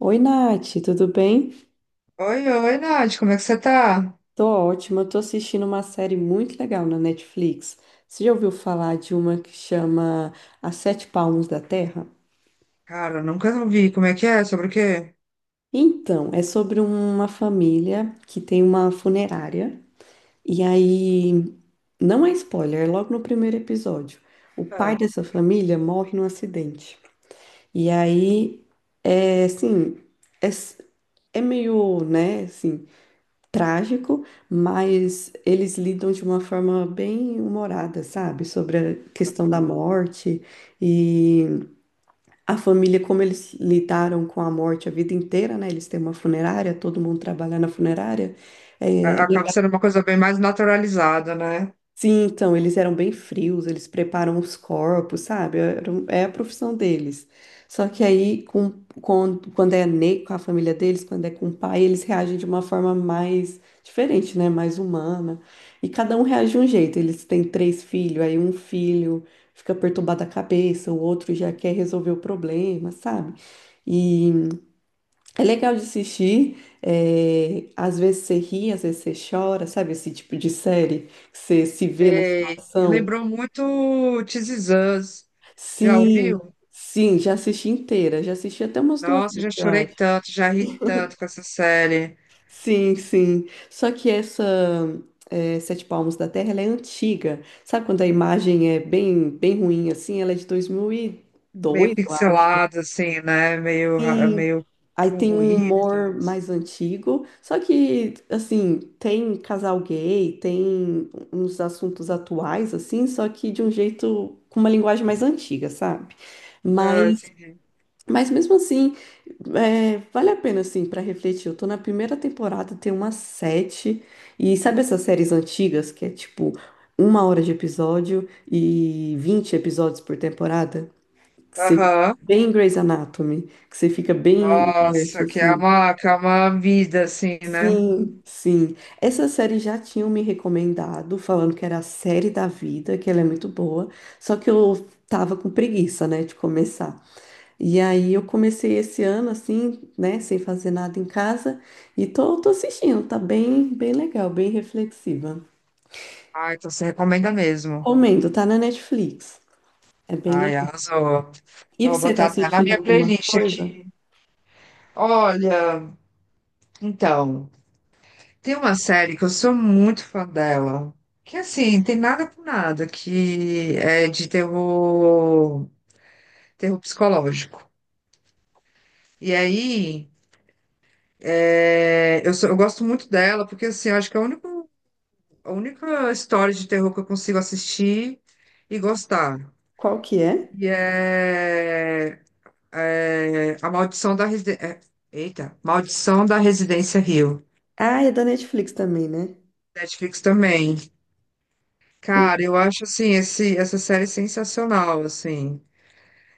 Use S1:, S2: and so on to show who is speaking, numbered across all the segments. S1: Oi, Nath, tudo bem?
S2: Oi, Nath, como é que você tá?
S1: Tô ótima, tô assistindo uma série muito legal na Netflix. Você já ouviu falar de uma que chama As Sete Palmos da Terra?
S2: Cara, nunca vi. Como é que é? Sobre o quê?
S1: Então, é sobre uma família que tem uma funerária, e aí, não é spoiler, é logo no primeiro episódio. O
S2: Ah,
S1: pai dessa família morre num acidente. E aí, é assim, é, s- é meio, né, assim, trágico, mas eles lidam de uma forma bem humorada, sabe? Sobre a questão da morte e a família, como eles lidaram com a morte a vida inteira, né? Eles têm uma funerária, todo mundo trabalha na funerária. É,
S2: Acaba sendo uma coisa bem mais naturalizada, né?
S1: sim, então, eles eram bem frios, eles preparam os corpos, sabe? É, é a profissão deles. Só que aí, com- quando é ne com a família deles, quando é com o pai, eles reagem de uma forma mais diferente, né? Mais humana. E cada um reage de um jeito. Eles têm três filhos, aí um filho fica perturbado a cabeça, o outro já quer resolver o problema, sabe? É legal de assistir, às vezes você ri, às vezes você chora, sabe esse tipo de série? Que você se vê na
S2: Sei. E
S1: situação.
S2: Lembrou muito This Is Us. Já ouviu?
S1: Sim, sim, já assisti inteira, já assisti até umas duas
S2: Nossa, já
S1: vezes, eu
S2: chorei
S1: acho.
S2: tanto, já ri tanto com essa série.
S1: Sim, sim. Só que essa, Sete Palmos da Terra, ela é antiga. Sabe quando a imagem é bem, bem ruim assim? Ela é de
S2: Meio
S1: 2002, eu acho.
S2: pixelada, assim, né? Meio, ra-
S1: Sim,
S2: meio
S1: aí
S2: com
S1: tem um
S2: ruído e
S1: humor
S2: tal.
S1: mais antigo, só que, assim, tem casal gay, tem uns assuntos atuais, assim, só que de um jeito, com uma linguagem mais antiga, sabe?
S2: Ah,
S1: Mas,
S2: entendi.
S1: mas mesmo assim, é, vale a pena, assim, para refletir. Eu tô na primeira temporada, tem umas sete, e sabe essas séries antigas, que é tipo uma hora de episódio e 20 episódios por temporada? Que você,
S2: Aham.
S1: bem Grey's Anatomy, que você fica bem imerso,
S2: Nossa, que é
S1: assim.
S2: uma vida, assim, né?
S1: Sim, sim. Essa série já tinham me recomendado, falando que era a série da vida, que ela é muito boa, só que eu tava com preguiça, né, de começar. E aí eu comecei esse ano assim, né, sem fazer nada em casa, e tô assistindo, tá bem, bem legal, bem reflexiva.
S2: Ah, então você recomenda mesmo.
S1: Comendo, tá na Netflix. É bem
S2: Ai,
S1: legal.
S2: arrasou.
S1: E
S2: Eu vou
S1: você tá
S2: botar até na
S1: assistindo
S2: minha
S1: alguma
S2: playlist
S1: coisa?
S2: aqui. Olha, então, tem uma série que eu sou muito fã dela. Que assim, tem nada com nada, que é de terror, terror psicológico. E aí, eu gosto muito dela, porque assim, eu acho que é a única história de terror que eu consigo assistir e gostar.
S1: Qual que é?
S2: E é É a Maldição da Residência. Eita, Maldição da Residência Rio.
S1: Ah, é da Netflix também, né?
S2: Netflix também. Cara, eu acho assim, essa série sensacional, assim.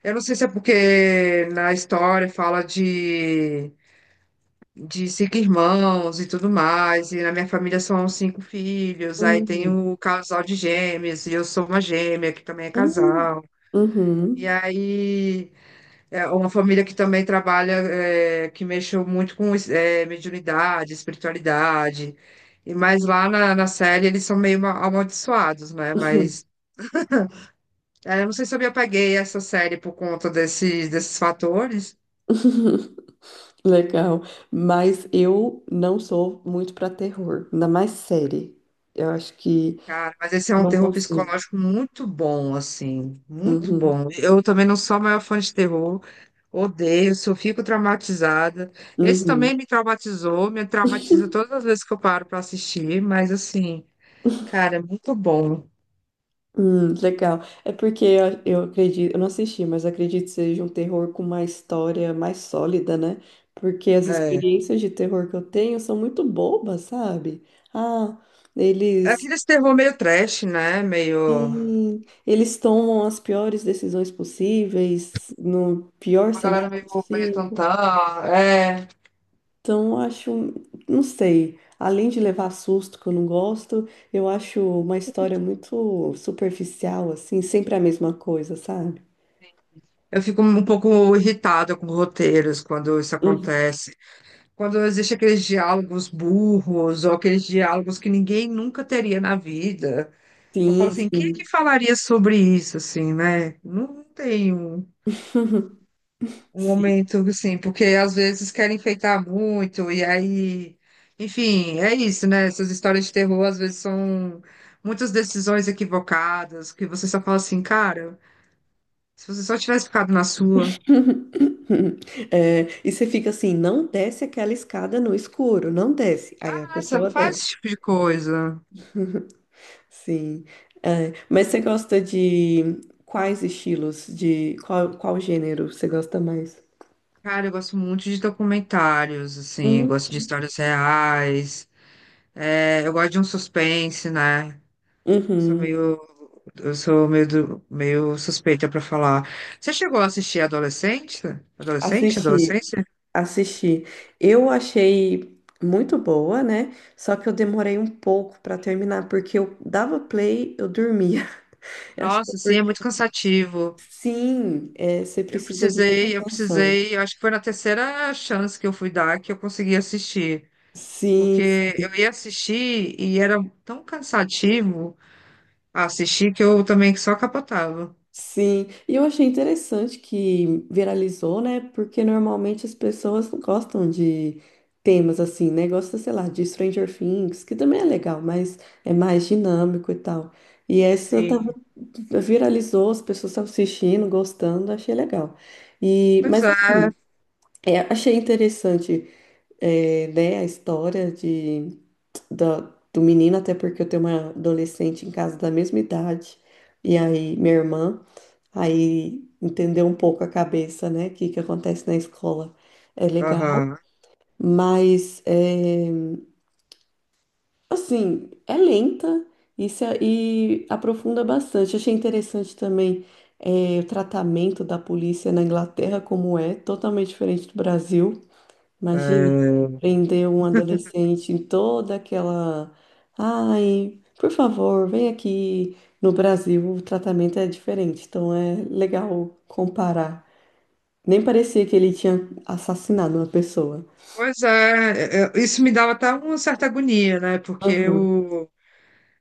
S2: Eu não sei se é porque na história fala de cinco irmãos e tudo mais, e na minha família são cinco filhos, aí tem
S1: Hum,
S2: o casal de gêmeos e eu sou uma gêmea, que também é
S1: hum,
S2: casal. E
S1: uhum.
S2: aí é uma família que também trabalha, que mexeu muito com mediunidade, espiritualidade. E mas lá na série eles são amaldiçoados, né? Mas eu não sei se eu me apeguei a essa série por conta desses fatores.
S1: Legal. Mas eu não sou muito para terror, ainda mais série. Eu acho que
S2: Cara, mas esse é um
S1: não
S2: terror
S1: consigo.
S2: psicológico muito bom, assim, muito
S1: Uhum,
S2: bom. Eu também não sou a maior fã de terror, odeio, só fico traumatizada. Esse
S1: uhum.
S2: também me traumatizou, me traumatiza todas as vezes que eu paro para assistir, mas assim. Cara, é muito bom.
S1: Legal. É porque eu acredito, eu não assisti, mas acredito que seja um terror com uma história mais sólida, né? Porque as
S2: É.
S1: experiências de terror que eu tenho são muito bobas, sabe? Ah,
S2: É
S1: eles,
S2: aquele terror meio trash, né? Meio.
S1: sim, eles tomam as piores decisões possíveis, no pior
S2: Uma
S1: cenário
S2: galera meio, meio
S1: possível.
S2: tantã. É.
S1: Então, eu acho, não sei, além de levar susto que eu não gosto, eu acho uma história muito superficial, assim, sempre a mesma coisa, sabe?
S2: Eu fico um pouco irritada com roteiros quando isso
S1: Hum.
S2: acontece. Quando existe aqueles diálogos burros ou aqueles diálogos que ninguém nunca teria na vida. Eu falo
S1: Sim,
S2: assim, quem é que
S1: sim.
S2: falaria sobre isso, assim, né? Não tem um. Um
S1: Sim.
S2: momento, assim, porque às vezes querem enfeitar muito, e aí, enfim, é isso, né? Essas histórias de terror às vezes são muitas decisões equivocadas, que você só fala assim, cara, se você só tivesse ficado na sua,
S1: É, e você fica assim, não desce aquela escada no escuro, não desce. Aí a
S2: ah, você
S1: pessoa
S2: não faz
S1: desce.
S2: esse tipo de coisa.
S1: Sim. É, mas você gosta de quais estilos, de qual, qual gênero você gosta mais?
S2: Cara, eu gosto muito de documentários, assim, eu
S1: Hum,
S2: gosto de histórias reais, eu gosto de um suspense, né? Sou
S1: Uhum.
S2: meio Eu sou meio suspeita pra falar. Você chegou a assistir Adolescente? Adolescente?
S1: Assisti,
S2: Adolescência?
S1: assisti. Eu achei muito boa, né? Só que eu demorei um pouco para terminar, porque eu dava play, eu dormia. Acho que é
S2: Nossa, sim, é
S1: porque
S2: muito cansativo.
S1: sim, é, você precisa de muita
S2: Eu
S1: atenção.
S2: precisei, eu acho que foi na terceira chance que eu fui dar que eu consegui assistir.
S1: Sim,
S2: Porque eu ia assistir e era tão cansativo assistir que eu também só capotava.
S1: sim. E eu achei interessante que viralizou, né? Porque normalmente as pessoas não gostam de temas assim, né? Gosta, sei lá, de Stranger Things, que também é legal, mas é mais dinâmico e tal. E essa
S2: Sim.
S1: viralizou, as pessoas estavam assistindo, gostando, achei legal. E,
S2: Pois
S1: mas
S2: é.
S1: assim, é, achei interessante, é, né, a história de, da- do menino, até porque eu tenho uma adolescente em casa da mesma idade, e aí minha irmã, aí entendeu um pouco a cabeça, né, que acontece na escola. É legal,
S2: Aham.
S1: mas é, assim, é lenta e, e aprofunda bastante. Achei interessante também, o tratamento da polícia na Inglaterra, como é, totalmente diferente do Brasil. Imagina
S2: É,
S1: prender um adolescente em toda aquela. Ai, por favor, vem aqui. No Brasil, o tratamento é diferente, então é legal comparar. Nem parecia que ele tinha assassinado uma pessoa.
S2: pois é, isso me dava até uma certa agonia, né?
S1: Aham.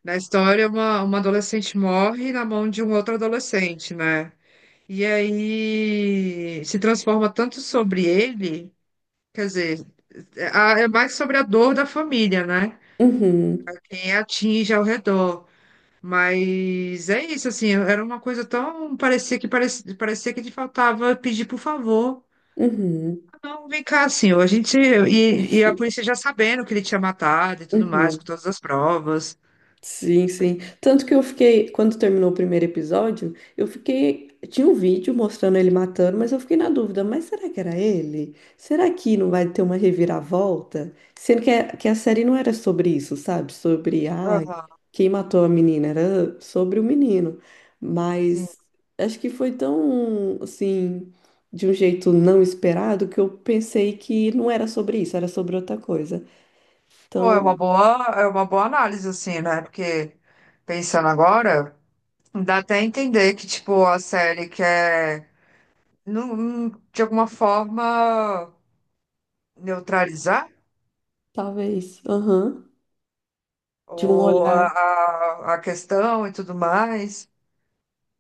S2: Na história, uma adolescente morre na mão de um outro adolescente, né? E aí se transforma tanto sobre ele, quer dizer, é mais sobre a dor da família, né?
S1: Uhum.
S2: Quem atinge ao redor. Mas é isso, assim, era uma coisa tão. Parecia que te faltava pedir por favor.
S1: Uhum.
S2: Não, vem cá, assim, a gente. E, a polícia já sabendo que ele tinha matado e tudo mais,
S1: Uhum.
S2: com todas as provas.
S1: Sim, sim. Tanto que eu fiquei, quando terminou o primeiro episódio, eu fiquei. Tinha um vídeo mostrando ele matando, mas eu fiquei na dúvida, mas será que era ele? Será que não vai ter uma reviravolta? Sendo que a série não era sobre isso, sabe? Sobre, ai,
S2: Aham,
S1: quem matou a menina, era sobre o menino.
S2: sim.
S1: Mas acho que foi tão, assim, de um jeito não esperado que eu pensei que não era sobre isso, era sobre outra coisa.
S2: Pô,
S1: Então,
S2: é uma boa análise, assim, né? Porque pensando agora, dá até entender que, tipo, a série quer, de alguma forma, neutralizar
S1: talvez, aham, de um
S2: ou
S1: olhar.
S2: a questão e tudo mais.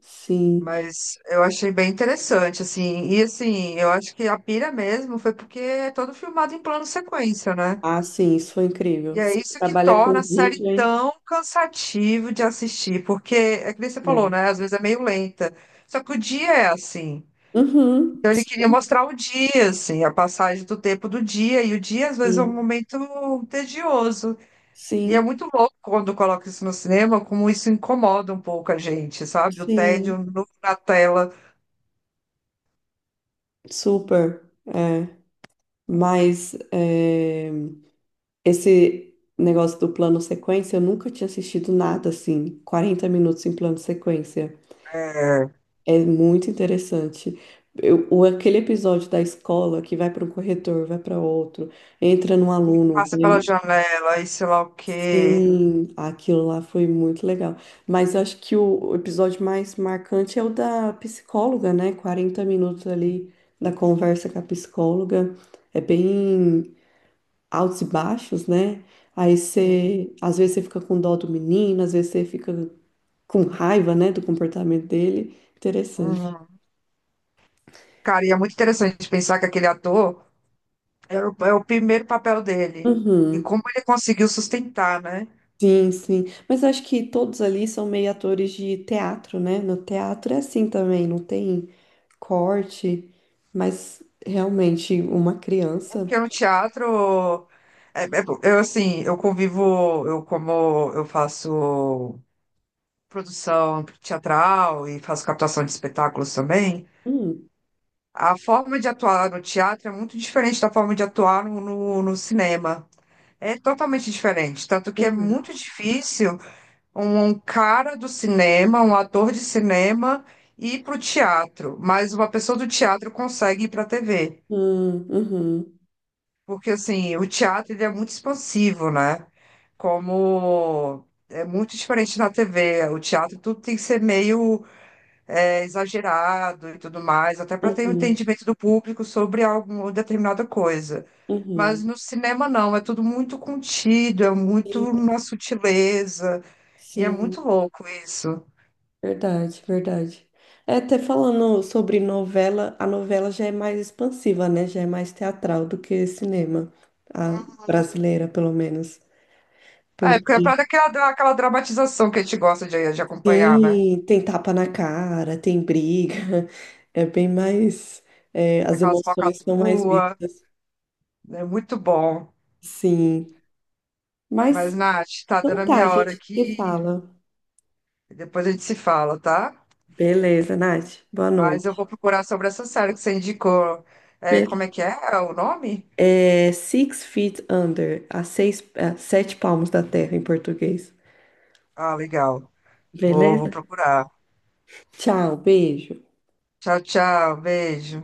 S1: Sim.
S2: Mas eu achei bem interessante, assim. E, assim, eu acho que a pira mesmo foi porque é todo filmado em plano sequência, né?
S1: Ah, sim, isso foi incrível.
S2: E é
S1: Sim,
S2: isso que
S1: trabalha com
S2: torna a série
S1: vídeo, hein?
S2: tão cansativo de assistir, porque é que nem você falou,
S1: É.
S2: né? Às vezes é meio lenta. Só que o dia é assim.
S1: Uhum.
S2: Então ele queria mostrar o dia, assim, a passagem do tempo do dia, e o dia às vezes é um
S1: Sim,
S2: momento tedioso. E é
S1: sim,
S2: muito louco quando coloca isso no cinema, como isso incomoda um pouco a gente, sabe? O tédio
S1: sim.
S2: na tela,
S1: Super. É. Mas é, esse negócio do plano sequência, eu nunca tinha assistido nada assim. 40 minutos em plano sequência.
S2: é,
S1: É muito interessante. Aquele episódio da escola que vai para um corredor, vai para outro, entra num
S2: e
S1: aluno.
S2: passa pela janela, e sei lá o quê.
S1: Sim, aquilo lá foi muito legal. Mas eu acho que o episódio mais marcante é o da psicóloga, né? 40 minutos ali da conversa com a psicóloga. É bem altos e baixos, né?
S2: Sim.
S1: Às vezes você fica com dó do menino, às vezes você fica com raiva, né, do comportamento dele. Interessante.
S2: Uhum. Cara, e é muito interessante pensar que aquele ator. É é o primeiro papel dele. E
S1: Uhum.
S2: como ele conseguiu sustentar, né?
S1: Sim, sim. Mas acho que todos ali são meio atores de teatro, né? No teatro é assim também, não tem corte, mas realmente uma
S2: É.
S1: criança.
S2: Porque no teatro, é- é- eu assim, eu convivo, eu como eu faço produção teatral e faço captação de espetáculos também,
S1: Hum,
S2: a forma de atuar no teatro é muito diferente da forma de atuar no cinema. É totalmente diferente, tanto que é
S1: uhum,
S2: muito difícil. Um cara do cinema, um ator de cinema, ir para o teatro, mas uma pessoa do teatro consegue ir para a TV,
S1: uhum,
S2: porque assim, o teatro ele é muito expansivo, né? Como é muito diferente na TV, o teatro tudo tem que ser meio exagerado e tudo mais, até para ter um
S1: uhum,
S2: entendimento do público sobre alguma determinada coisa. Mas
S1: uhum.
S2: no cinema não, é tudo muito contido, é muito
S1: Sim,
S2: uma sutileza, e é muito
S1: sim,
S2: louco isso.
S1: verdade, verdade. É, até falando sobre novela, a novela já é mais expansiva, né? Já é mais teatral do que cinema, a brasileira, pelo menos.
S2: É, porque é
S1: Porque
S2: pra dar aquela dramatização que a gente gosta de acompanhar, né?
S1: sim, tem tapa na cara, tem briga. É bem mais. É,
S2: Tem
S1: as
S2: aquelas
S1: emoções são mais
S2: falcatruas,
S1: vistas.
S2: é muito bom.
S1: Sim. Mas
S2: Mas, Nath, tá dando
S1: então
S2: a
S1: tá, a
S2: minha hora
S1: gente se
S2: aqui,
S1: fala.
S2: depois a gente se fala, tá?
S1: Beleza, Nath. Boa
S2: Mas eu
S1: noite.
S2: vou procurar sobre essa série que você indicou. É, como é
S1: Be-
S2: que é é o nome?
S1: É Six Feet Under, a seis, a sete palmos da terra em português.
S2: Ah, legal. Vou
S1: Beleza?
S2: procurar.
S1: Tchau, beijo.
S2: Tchau, beijo.